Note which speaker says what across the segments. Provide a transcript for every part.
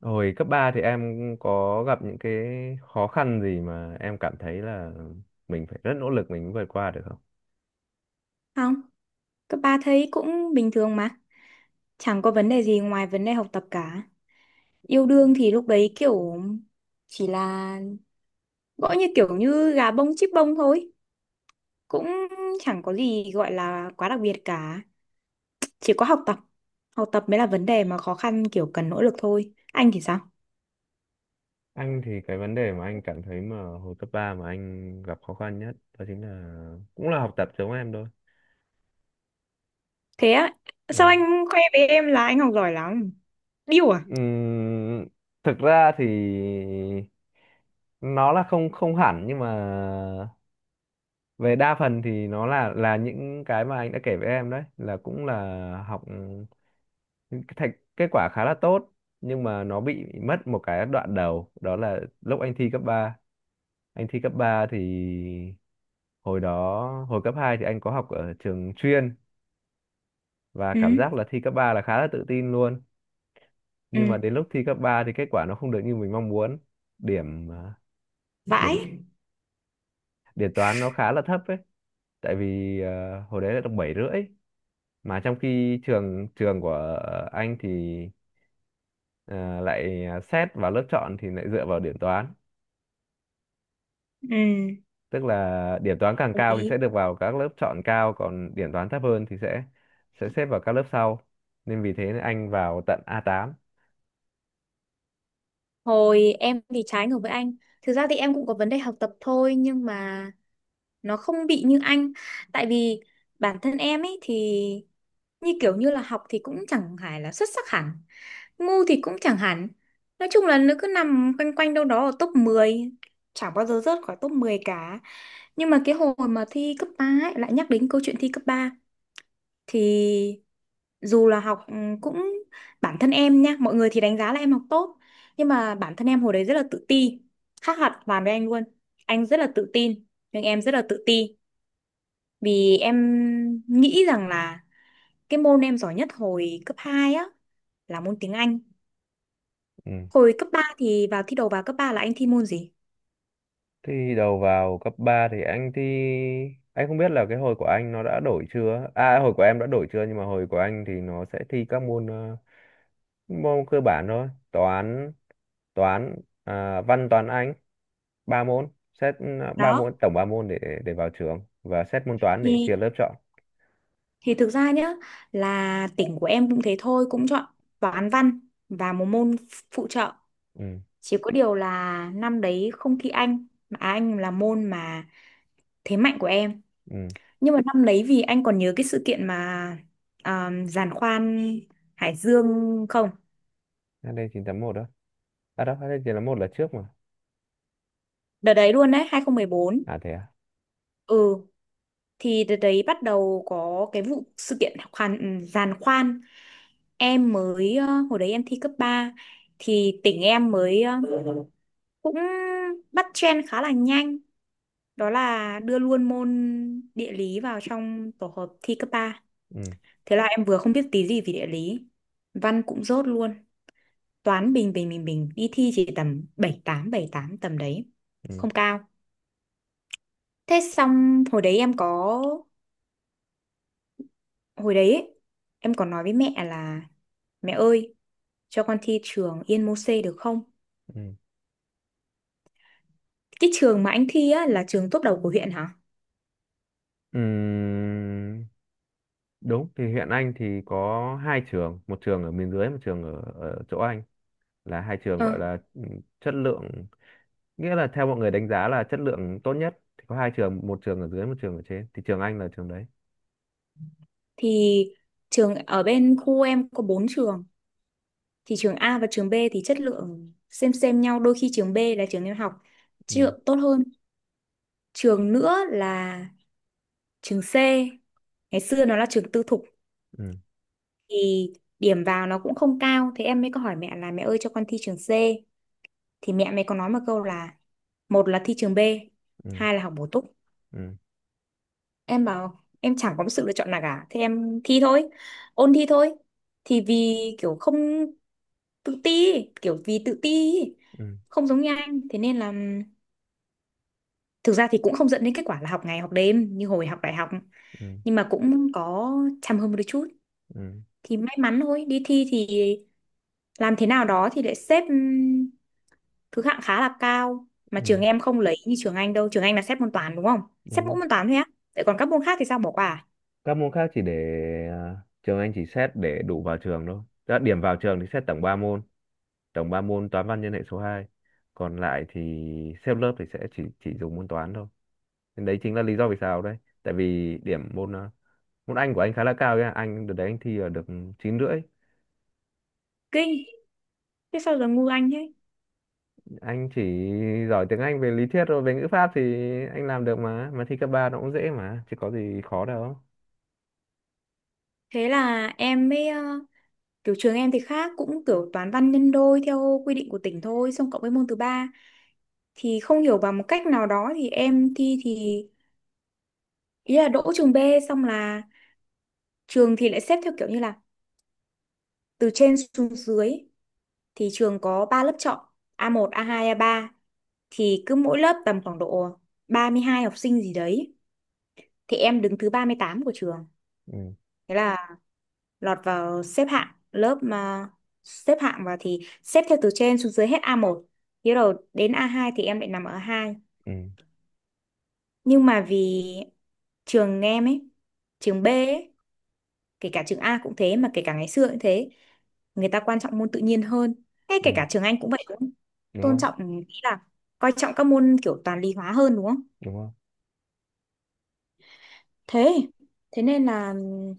Speaker 1: Hồi cấp 3 thì em có gặp những cái khó khăn gì mà em cảm thấy là mình phải rất nỗ lực mình mới vượt qua được không?
Speaker 2: Không, cấp 3 thấy cũng bình thường mà. Chẳng có vấn đề gì ngoài vấn đề học tập cả. Yêu đương thì lúc đấy kiểu chỉ là gõ như kiểu như gà bông chích bông thôi. Cũng chẳng có gì gọi là quá đặc biệt cả. Chỉ có học tập. Học tập mới là vấn đề mà khó khăn kiểu cần nỗ lực thôi. Anh thì sao?
Speaker 1: Anh thì cái vấn đề mà anh cảm thấy mà hồi cấp 3 mà anh gặp khó khăn nhất đó chính là cũng là học tập giống em thôi.
Speaker 2: Thế á, sao
Speaker 1: Ừ.
Speaker 2: anh khoe với em là anh học giỏi lắm? Điêu à?
Speaker 1: Ừm, thực ra thì nó là không không hẳn, nhưng mà về đa phần thì nó là những cái mà anh đã kể với em đấy, là cũng là học, cái thành kết quả khá là tốt, nhưng mà nó bị mất một cái đoạn đầu, đó là lúc anh thi cấp ba. Anh thi cấp 3 thì Hồi đó, hồi cấp 2 thì anh có học ở trường chuyên, và
Speaker 2: Ừ,
Speaker 1: cảm giác là thi cấp 3 là khá là tự tin luôn,
Speaker 2: ừ,
Speaker 1: nhưng mà đến lúc thi cấp 3 thì kết quả nó không được như mình mong muốn. điểm à, điểm
Speaker 2: vãi.
Speaker 1: điểm toán nó khá là thấp ấy, tại vì hồi đấy là được 7,5, mà trong khi trường trường của anh thì ờ, lại xét vào lớp chọn thì lại dựa vào điểm toán.
Speaker 2: Ừ,
Speaker 1: Tức là điểm toán càng cao thì sẽ được vào các lớp chọn cao, còn điểm toán thấp hơn thì sẽ xếp vào các lớp sau, nên vì thế anh vào tận A8.
Speaker 2: hồi em thì trái ngược với anh. Thực ra thì em cũng có vấn đề học tập thôi nhưng mà nó không bị như anh. Tại vì bản thân em ấy thì như kiểu như là học thì cũng chẳng phải là xuất sắc hẳn. Ngu thì cũng chẳng hẳn. Nói chung là nó cứ nằm quanh quanh đâu đó ở top 10. Chẳng bao giờ rớt khỏi top 10 cả. Nhưng mà cái hồi mà thi cấp 3 ấy, lại nhắc đến câu chuyện thi cấp 3 thì dù là học cũng bản thân em nha mọi người thì đánh giá là em học tốt nhưng mà bản thân em hồi đấy rất là tự ti khác hoàn toàn với anh luôn anh rất là tự tin nhưng em rất là tự ti vì em nghĩ rằng là cái môn em giỏi nhất hồi cấp 2 á là môn tiếng Anh.
Speaker 1: Ừ.
Speaker 2: Hồi cấp 3 thì vào thi đầu vào cấp 3 là anh thi môn gì
Speaker 1: Thì đầu vào cấp ba thì anh thi, anh không biết là cái hồi của anh nó đã đổi chưa, hồi của em đã đổi chưa, nhưng mà hồi của anh thì nó sẽ thi các môn môn cơ bản thôi. Toán toán à, Văn, toán, Anh, ba môn xét, ba
Speaker 2: đó
Speaker 1: môn, tổng ba môn để vào trường, và xét môn toán để chia
Speaker 2: thì
Speaker 1: lớp chọn.
Speaker 2: thì thực ra nhá là tỉnh của em cũng thế thôi cũng chọn toán văn và một môn phụ trợ.
Speaker 1: Ừ.
Speaker 2: Chỉ có điều là năm đấy không thi Anh, mà à, Anh là môn mà thế mạnh của em.
Speaker 1: Ừ.
Speaker 2: Nhưng mà năm đấy vì anh còn nhớ cái sự kiện mà giàn khoan Hải Dương không?
Speaker 1: Hát đê chín, HD một đó. À, đâu, HD một là trước mà.
Speaker 2: Đợt đấy luôn đấy, 2014.
Speaker 1: À thế à.
Speaker 2: Ừ, thì đợt đấy bắt đầu có cái vụ sự kiện khoan, giàn khoan. Em mới, hồi đấy em thi cấp 3 thì tỉnh em mới cũng bắt trend khá là nhanh. Đó là đưa luôn môn địa lý vào trong tổ hợp thi cấp ba.
Speaker 1: Ừ.
Speaker 2: Thế là em vừa không biết tí gì về địa lý. Văn cũng dốt luôn. Toán bình bình bình bình. Đi thi chỉ tầm bảy tám tầm đấy.
Speaker 1: Ừ.
Speaker 2: Không cao. Thế xong hồi đấy Hồi đấy ấy, em còn nói với mẹ là: Mẹ ơi, cho con thi trường Yên Mô-xê được không?
Speaker 1: Ừ.
Speaker 2: Cái trường mà anh thi á là trường top đầu của huyện hả?
Speaker 1: Ừm, đúng, thì huyện Anh thì có hai trường, một trường ở miền dưới, một trường ở, ở chỗ Anh, là hai trường
Speaker 2: Ờ.
Speaker 1: gọi là chất lượng, nghĩa là theo mọi người đánh giá là chất lượng tốt nhất thì có hai trường, một trường ở dưới, một trường ở trên, thì trường anh là trường đấy.
Speaker 2: Thì trường ở bên khu em có 4 trường. Thì trường A và trường B thì chất lượng xem nhau. Đôi khi trường B là trường em học
Speaker 1: Ừ.
Speaker 2: chất lượng tốt hơn. Trường nữa là trường C, ngày xưa nó là trường tư thục,
Speaker 1: Ừ.
Speaker 2: thì điểm vào nó cũng không cao, thế em mới có hỏi mẹ là mẹ ơi cho con thi trường C. Thì mẹ mày có nói một câu là: một là thi trường B,
Speaker 1: Ừ.
Speaker 2: hai là học bổ túc.
Speaker 1: Ừ.
Speaker 2: Em bảo em chẳng có một sự lựa chọn nào cả, thế em thi thôi, ôn thi thôi. Thì vì kiểu không tự ti, kiểu vì tự ti ý,
Speaker 1: Ừ.
Speaker 2: không giống như anh, thế nên là thực ra thì cũng không dẫn đến kết quả là học ngày học đêm như hồi học đại học
Speaker 1: Ừ.
Speaker 2: nhưng mà cũng có chăm hơn một đôi chút.
Speaker 1: Ừ.
Speaker 2: Thì may mắn thôi, đi thi thì làm thế nào đó thì lại xếp thứ hạng khá là cao mà
Speaker 1: Ừ.
Speaker 2: trường em không lấy như trường anh đâu, trường anh là xếp môn toán đúng không, xếp
Speaker 1: Đúng
Speaker 2: mỗi
Speaker 1: không?
Speaker 2: môn toán thôi á, vậy còn các môn khác thì sao bỏ qua à?
Speaker 1: Các môn khác chỉ để, à, trường anh chỉ xét để đủ vào trường thôi. Đã điểm vào trường thì xét tổng 3 môn, tổng 3 môn toán văn nhân hệ số 2. Còn lại thì xếp lớp thì sẽ chỉ dùng môn toán thôi. Nên đấy chính là lý do vì sao đấy, tại vì điểm môn Anh của anh khá là cao ấy. Ạ. Anh đợt đấy anh thi ở được 9,5.
Speaker 2: Kinh. Thế sao giờ ngu anh thế.
Speaker 1: Anh chỉ giỏi tiếng Anh, về lý thuyết rồi về ngữ pháp thì anh làm được, mà thi cấp 3 nó cũng dễ mà, chứ có gì khó đâu.
Speaker 2: Thế là em mới kiểu trường em thì khác, cũng kiểu toán văn nhân đôi theo quy định của tỉnh thôi xong cộng với môn thứ ba. Thì không hiểu bằng một cách nào đó thì em thi thì ý là đỗ trường B. Xong là trường thì lại xếp theo kiểu như là từ trên xuống dưới, thì trường có 3 lớp chọn A1, A2, A3, thì cứ mỗi lớp tầm khoảng độ 32 học sinh gì đấy, thì em đứng thứ 38 của trường,
Speaker 1: Ừ.
Speaker 2: thế là lọt vào xếp hạng lớp. Mà xếp hạng vào thì xếp theo từ trên xuống dưới, hết A1 thế rồi đến A2, thì em lại nằm ở A2.
Speaker 1: Ừ.
Speaker 2: Nhưng mà vì trường em ấy, trường B ấy, kể cả trường A cũng thế, mà kể cả ngày xưa cũng thế, người ta quan trọng môn tự nhiên hơn, hay kể
Speaker 1: Ừ.
Speaker 2: cả trường Anh cũng vậy, cũng
Speaker 1: Đúng
Speaker 2: tôn
Speaker 1: không?
Speaker 2: trọng, ý là coi trọng các môn kiểu toán lý hóa hơn đúng không.
Speaker 1: Đúng không?
Speaker 2: Thế thế nên là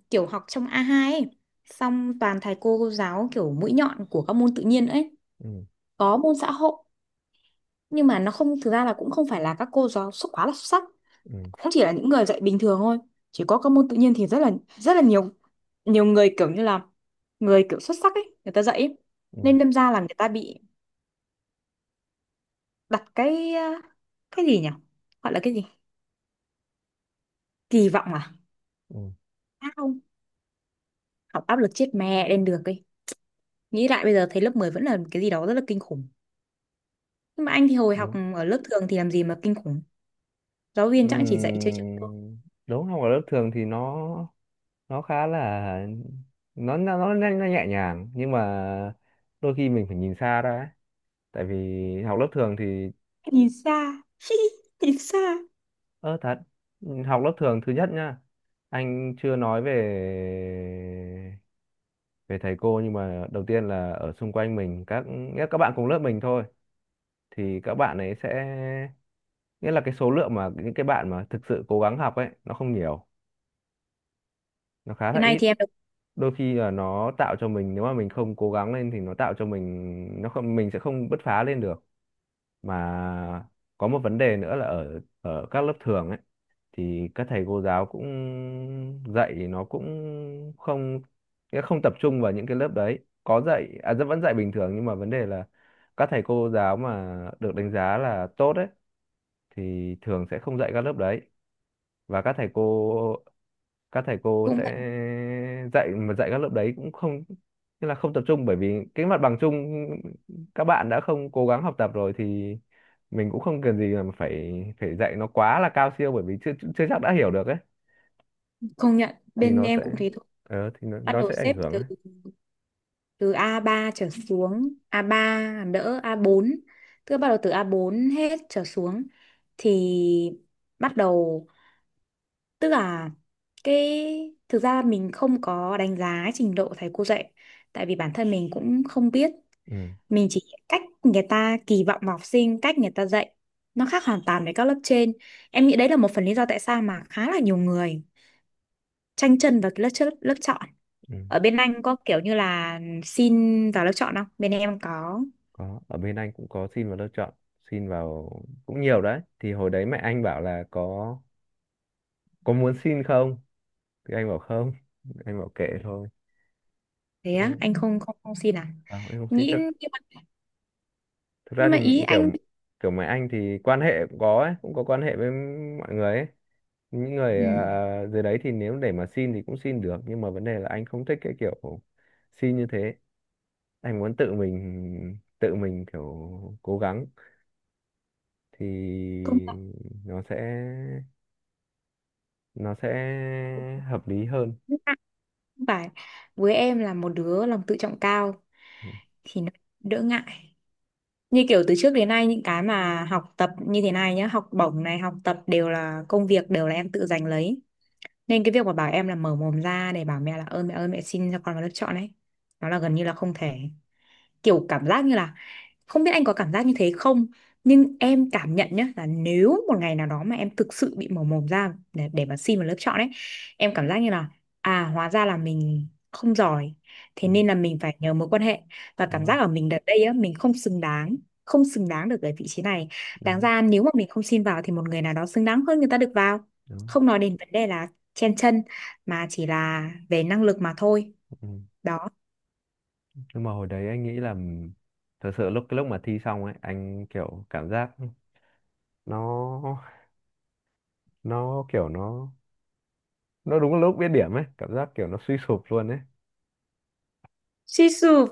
Speaker 2: kiểu học trong a hai ấy xong toàn thầy cô giáo kiểu mũi nhọn của các môn tự nhiên ấy.
Speaker 1: Ừ.
Speaker 2: Có môn xã hội nhưng mà nó không, thực ra là cũng không phải là các cô giáo xuất quá là xuất sắc,
Speaker 1: Ừ.
Speaker 2: cũng chỉ là những người dạy bình thường thôi. Chỉ có các môn tự nhiên thì rất là nhiều, nhiều người kiểu như là người kiểu xuất sắc ấy người ta dạy ấy.
Speaker 1: Ừ.
Speaker 2: Nên đâm ra là người ta bị đặt cái cái gì nhỉ, gọi là cái gì, kỳ vọng à.
Speaker 1: Ừ.
Speaker 2: À không, học áp lực chết mẹ lên được ấy. Nghĩ lại bây giờ thấy lớp 10 vẫn là cái gì đó rất là kinh khủng, nhưng mà anh thì hồi học
Speaker 1: Đúng.
Speaker 2: ở lớp thường thì làm gì mà kinh khủng, giáo viên
Speaker 1: Ừ.
Speaker 2: chẳng chỉ dạy chơi chơi thôi.
Speaker 1: Đúng, học ở lớp thường thì nó khá là, nó nhẹ nhàng, nhưng mà đôi khi mình phải nhìn xa ra ấy, tại vì học lớp thường thì
Speaker 2: Nhìn xa nhìn xa.
Speaker 1: ơ, thật. Học lớp thường, thứ nhất nhá, anh chưa nói về về thầy cô, nhưng mà đầu tiên là ở xung quanh mình, các, nghĩa là các bạn cùng lớp mình thôi, thì các bạn ấy sẽ, nghĩa là cái số lượng mà những cái bạn mà thực sự cố gắng học ấy nó không nhiều, nó khá là
Speaker 2: Cái này
Speaker 1: ít.
Speaker 2: thì em được,
Speaker 1: Đôi khi là nó tạo cho mình, nếu mà mình không cố gắng lên thì nó tạo cho mình, nó không, mình sẽ không bứt phá lên được. Mà có một vấn đề nữa là ở ở các lớp thường ấy, thì các thầy cô giáo cũng dạy nó cũng không, nghĩa không tập trung vào những cái lớp đấy. Có dạy, vẫn dạy bình thường, nhưng mà vấn đề là các thầy cô giáo mà được đánh giá là tốt ấy thì thường sẽ không dạy các lớp đấy. Và các thầy cô, các thầy cô
Speaker 2: cũng
Speaker 1: sẽ
Speaker 2: phải
Speaker 1: dạy, mà dạy các lớp đấy cũng không, tức là không tập trung, bởi vì cái mặt bằng chung các bạn đã không cố gắng học tập rồi, thì mình cũng không cần gì mà phải phải dạy nó quá là cao siêu, bởi vì chưa chưa chắc đã hiểu được ấy.
Speaker 2: công nhận
Speaker 1: Thì
Speaker 2: bên
Speaker 1: nó
Speaker 2: em cũng
Speaker 1: sẽ,
Speaker 2: thế thôi.
Speaker 1: thì nó,
Speaker 2: Bắt
Speaker 1: nó
Speaker 2: đầu
Speaker 1: sẽ ảnh
Speaker 2: xếp
Speaker 1: hưởng
Speaker 2: từ
Speaker 1: ấy.
Speaker 2: từ a ba trở xuống, a ba làm đỡ a bốn, tức là bắt đầu từ a bốn hết trở xuống thì bắt đầu, tức là cái, thực ra mình không có đánh giá trình độ thầy cô dạy tại vì bản thân mình cũng không biết,
Speaker 1: Ừ.
Speaker 2: mình chỉ cách người ta kỳ vọng vào học sinh, cách người ta dạy nó khác hoàn toàn với các lớp trên. Em nghĩ đấy là một phần lý do tại sao mà khá là nhiều người tranh chân vào cái lớp trước lớp chọn.
Speaker 1: Ừ.
Speaker 2: Ở bên anh có kiểu như là xin vào lớp chọn không, bên em có.
Speaker 1: Có, ở bên anh cũng có xin vào lớp chọn, xin vào cũng nhiều đấy. Thì hồi đấy mẹ anh bảo là có muốn xin không, thì anh bảo không, anh bảo kệ thôi.
Speaker 2: Thế á,
Speaker 1: Không,
Speaker 2: anh không không không xin à?
Speaker 1: không, em không xin.
Speaker 2: Nghĩ,
Speaker 1: Thực
Speaker 2: nhưng mà,
Speaker 1: thực ra
Speaker 2: nhưng
Speaker 1: thì,
Speaker 2: mà ý
Speaker 1: kiểu
Speaker 2: anh,
Speaker 1: kiểu mấy anh thì quan hệ cũng có ấy, cũng có quan hệ với mọi người ấy, những người,
Speaker 2: ừ,
Speaker 1: dưới đấy thì nếu để mà xin thì cũng xin được, nhưng mà vấn đề là anh không thích cái kiểu xin như thế. Anh muốn tự mình, kiểu cố gắng, thì
Speaker 2: công
Speaker 1: nó sẽ nó sẽ hợp lý hơn.
Speaker 2: nhận. Không phải, với em là một đứa lòng tự trọng cao
Speaker 1: Ừ.
Speaker 2: thì nó đỡ ngại, như kiểu từ trước đến nay những cái mà học tập như thế này nhá, học bổng này, học tập đều là công việc, đều là em tự giành lấy, nên cái việc mà bảo em là mở mồm ra để bảo mẹ là ơi mẹ xin cho con vào lớp chọn ấy, nó là gần như là không thể. Kiểu cảm giác như là, không biết anh có cảm giác như thế không, nhưng em cảm nhận nhá, là nếu một ngày nào đó mà em thực sự bị mở mồm ra để mà xin vào lớp chọn ấy, em cảm giác như là à hóa ra là mình không giỏi, thế
Speaker 1: Ừ.
Speaker 2: nên là mình phải nhờ mối quan hệ, và
Speaker 1: Đúng
Speaker 2: cảm
Speaker 1: rồi.
Speaker 2: giác ở mình đợt đây á mình không xứng đáng, không xứng đáng được ở vị trí này,
Speaker 1: Đúng
Speaker 2: đáng
Speaker 1: rồi.
Speaker 2: ra nếu mà mình không xin vào thì một người nào đó xứng đáng hơn người ta được vào.
Speaker 1: Đúng rồi.
Speaker 2: Không nói đến vấn đề là chen chân mà chỉ là về năng lực mà thôi.
Speaker 1: Ừ.
Speaker 2: Đó.
Speaker 1: Nhưng mà hồi đấy anh nghĩ là thật sự lúc, cái lúc mà thi xong ấy, anh kiểu cảm giác nó nó kiểu nó đúng lúc biết điểm ấy, cảm giác kiểu nó suy sụp luôn ấy,
Speaker 2: Suy sụp.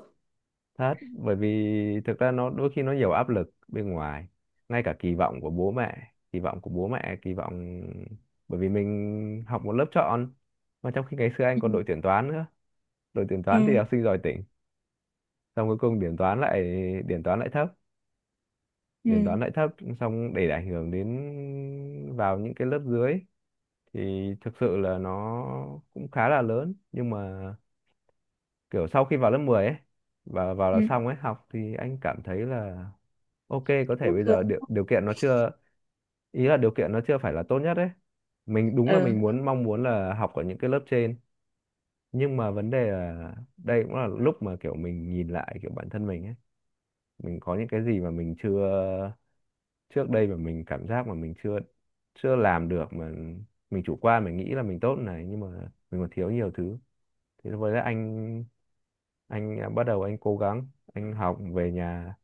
Speaker 1: thật. Bởi vì thực ra nó đôi khi nó nhiều áp lực bên ngoài, ngay cả kỳ vọng của bố mẹ, kỳ vọng của bố mẹ kỳ vọng bởi vì mình học một lớp chọn, mà trong khi ngày xưa anh
Speaker 2: Ừ,
Speaker 1: còn đội tuyển toán nữa. Đội tuyển
Speaker 2: ừ,
Speaker 1: toán thì học sinh giỏi tỉnh, xong cuối cùng điểm toán lại, điểm toán lại thấp điểm
Speaker 2: ừ,
Speaker 1: toán lại thấp, xong để ảnh hưởng đến, vào những cái lớp dưới, thì thực sự là nó cũng khá là lớn. Nhưng mà kiểu sau khi vào lớp 10 ấy, và vào là
Speaker 2: ừ.
Speaker 1: xong ấy, học thì anh cảm thấy là ok, có thể
Speaker 2: Cũng
Speaker 1: bây
Speaker 2: được.
Speaker 1: giờ điều kiện nó chưa, ý là điều kiện nó chưa phải là tốt nhất ấy, mình đúng là
Speaker 2: Ừ.
Speaker 1: mình muốn, mong muốn là học ở những cái lớp trên, nhưng mà vấn đề là đây cũng là lúc mà kiểu mình nhìn lại kiểu bản thân mình ấy, mình có những cái gì mà mình chưa, trước đây mà mình cảm giác mà mình chưa chưa làm được, mà mình chủ quan, mình nghĩ là mình tốt này, nhưng mà mình còn thiếu nhiều thứ. Thì lúc đấy anh, bắt đầu anh cố gắng, anh học về nhà.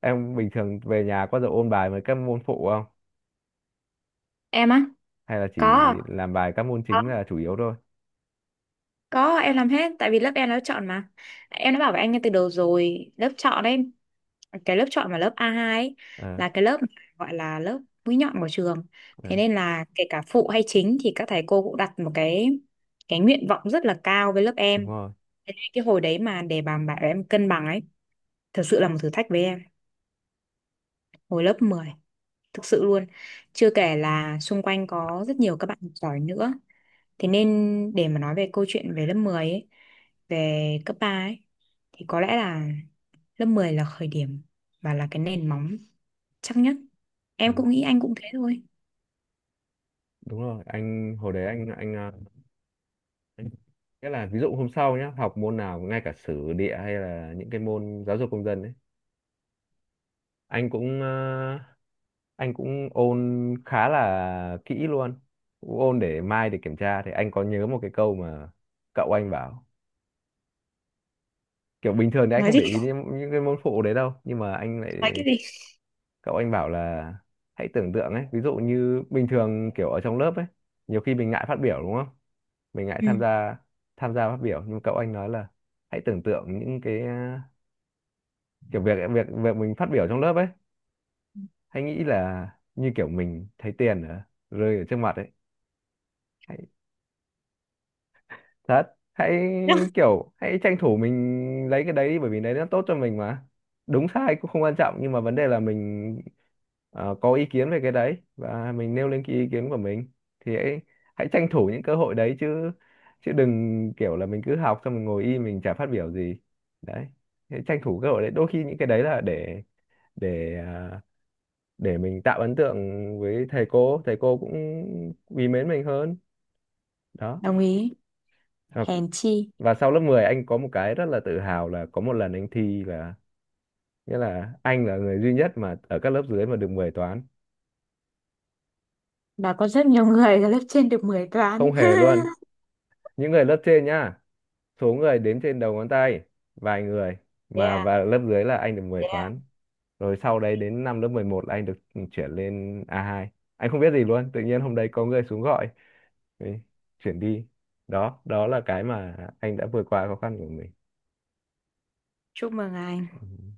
Speaker 1: Em bình thường về nhà có giờ ôn bài với các môn phụ không?
Speaker 2: Em á?
Speaker 1: Hay là chỉ
Speaker 2: có
Speaker 1: làm bài các môn
Speaker 2: có
Speaker 1: chính là chủ yếu thôi?
Speaker 2: có, em làm hết tại vì lớp em nó chọn mà, em đã bảo với anh ngay từ đầu rồi lớp chọn đấy, cái lớp chọn mà lớp a hai ấy,
Speaker 1: Ờ.
Speaker 2: là cái lớp gọi là lớp mũi nhọn của trường,
Speaker 1: Ờ,
Speaker 2: thế nên là kể cả phụ hay chính thì các thầy cô cũng đặt một cái nguyện vọng rất là cao với lớp
Speaker 1: đúng
Speaker 2: em.
Speaker 1: rồi.
Speaker 2: Thế nên cái hồi đấy mà để bà bảo em cân bằng ấy thật sự là một thử thách với em, hồi lớp 10 thực sự luôn, chưa kể là xung quanh có rất nhiều các bạn giỏi nữa. Thế nên để mà nói về câu chuyện về lớp 10 ấy, về cấp 3 ấy, thì có lẽ là lớp 10 là khởi điểm và là cái nền móng chắc nhất,
Speaker 1: Ừ,
Speaker 2: em cũng nghĩ anh cũng thế thôi.
Speaker 1: đúng rồi. Anh hồi đấy anh, anh nghĩa là ví dụ hôm sau nhá, học môn nào ngay cả sử địa hay là những cái môn giáo dục công dân ấy, anh cũng, anh cũng ôn khá là kỹ luôn, cũng ôn để mai để kiểm tra. Thì anh có nhớ một cái câu mà cậu anh bảo, kiểu bình thường thì anh
Speaker 2: Nói
Speaker 1: không
Speaker 2: gì
Speaker 1: để ý đến những cái môn phụ đấy đâu, nhưng mà anh lại,
Speaker 2: nói cái gì.
Speaker 1: cậu anh bảo là hãy tưởng tượng ấy, ví dụ như bình thường kiểu ở trong lớp ấy nhiều khi mình ngại phát biểu đúng không, mình ngại
Speaker 2: Ừ.
Speaker 1: tham gia, tham gia phát biểu, nhưng cậu anh nói là hãy tưởng tượng những cái, kiểu việc, việc mình phát biểu trong lớp ấy, hãy nghĩ là như kiểu mình thấy tiền ở, rơi ở trước mặt ấy, thật. Hãy kiểu, hãy tranh thủ mình lấy cái đấy đi bởi vì đấy nó tốt cho mình mà, đúng sai cũng không quan trọng, nhưng mà vấn đề là mình, có ý kiến về cái đấy và mình nêu lên cái ý kiến của mình. Thì hãy, hãy tranh thủ những cơ hội đấy chứ, chứ đừng kiểu là mình cứ học xong mình ngồi im mình chả phát biểu gì. Đấy, hãy tranh thủ cơ hội đấy, đôi khi những cái đấy là để, để à, để mình tạo ấn tượng với thầy cô, thầy cô cũng quý mến mình hơn. Đó.
Speaker 2: Đồng ý. Hèn chi
Speaker 1: Và sau lớp 10 anh có một cái rất là tự hào là có một lần anh thi là, nghĩa là anh là người duy nhất mà ở các lớp dưới mà được 10 toán.
Speaker 2: là có rất nhiều người ở lớp trên được 10
Speaker 1: Không
Speaker 2: toán
Speaker 1: hề luôn, những người lớp trên nhá, số người đếm trên đầu ngón tay, vài người, mà
Speaker 2: yeah
Speaker 1: và lớp dưới là anh được mười
Speaker 2: yeah,
Speaker 1: toán Rồi sau đấy đến năm lớp 11 là anh được, chuyển lên A2. Anh không biết gì luôn, tự nhiên hôm đấy có người xuống gọi: "Ê, chuyển đi." Đó, đó là cái mà anh đã vượt qua khó khăn của mình.
Speaker 2: chúc mừng anh.
Speaker 1: Ừ.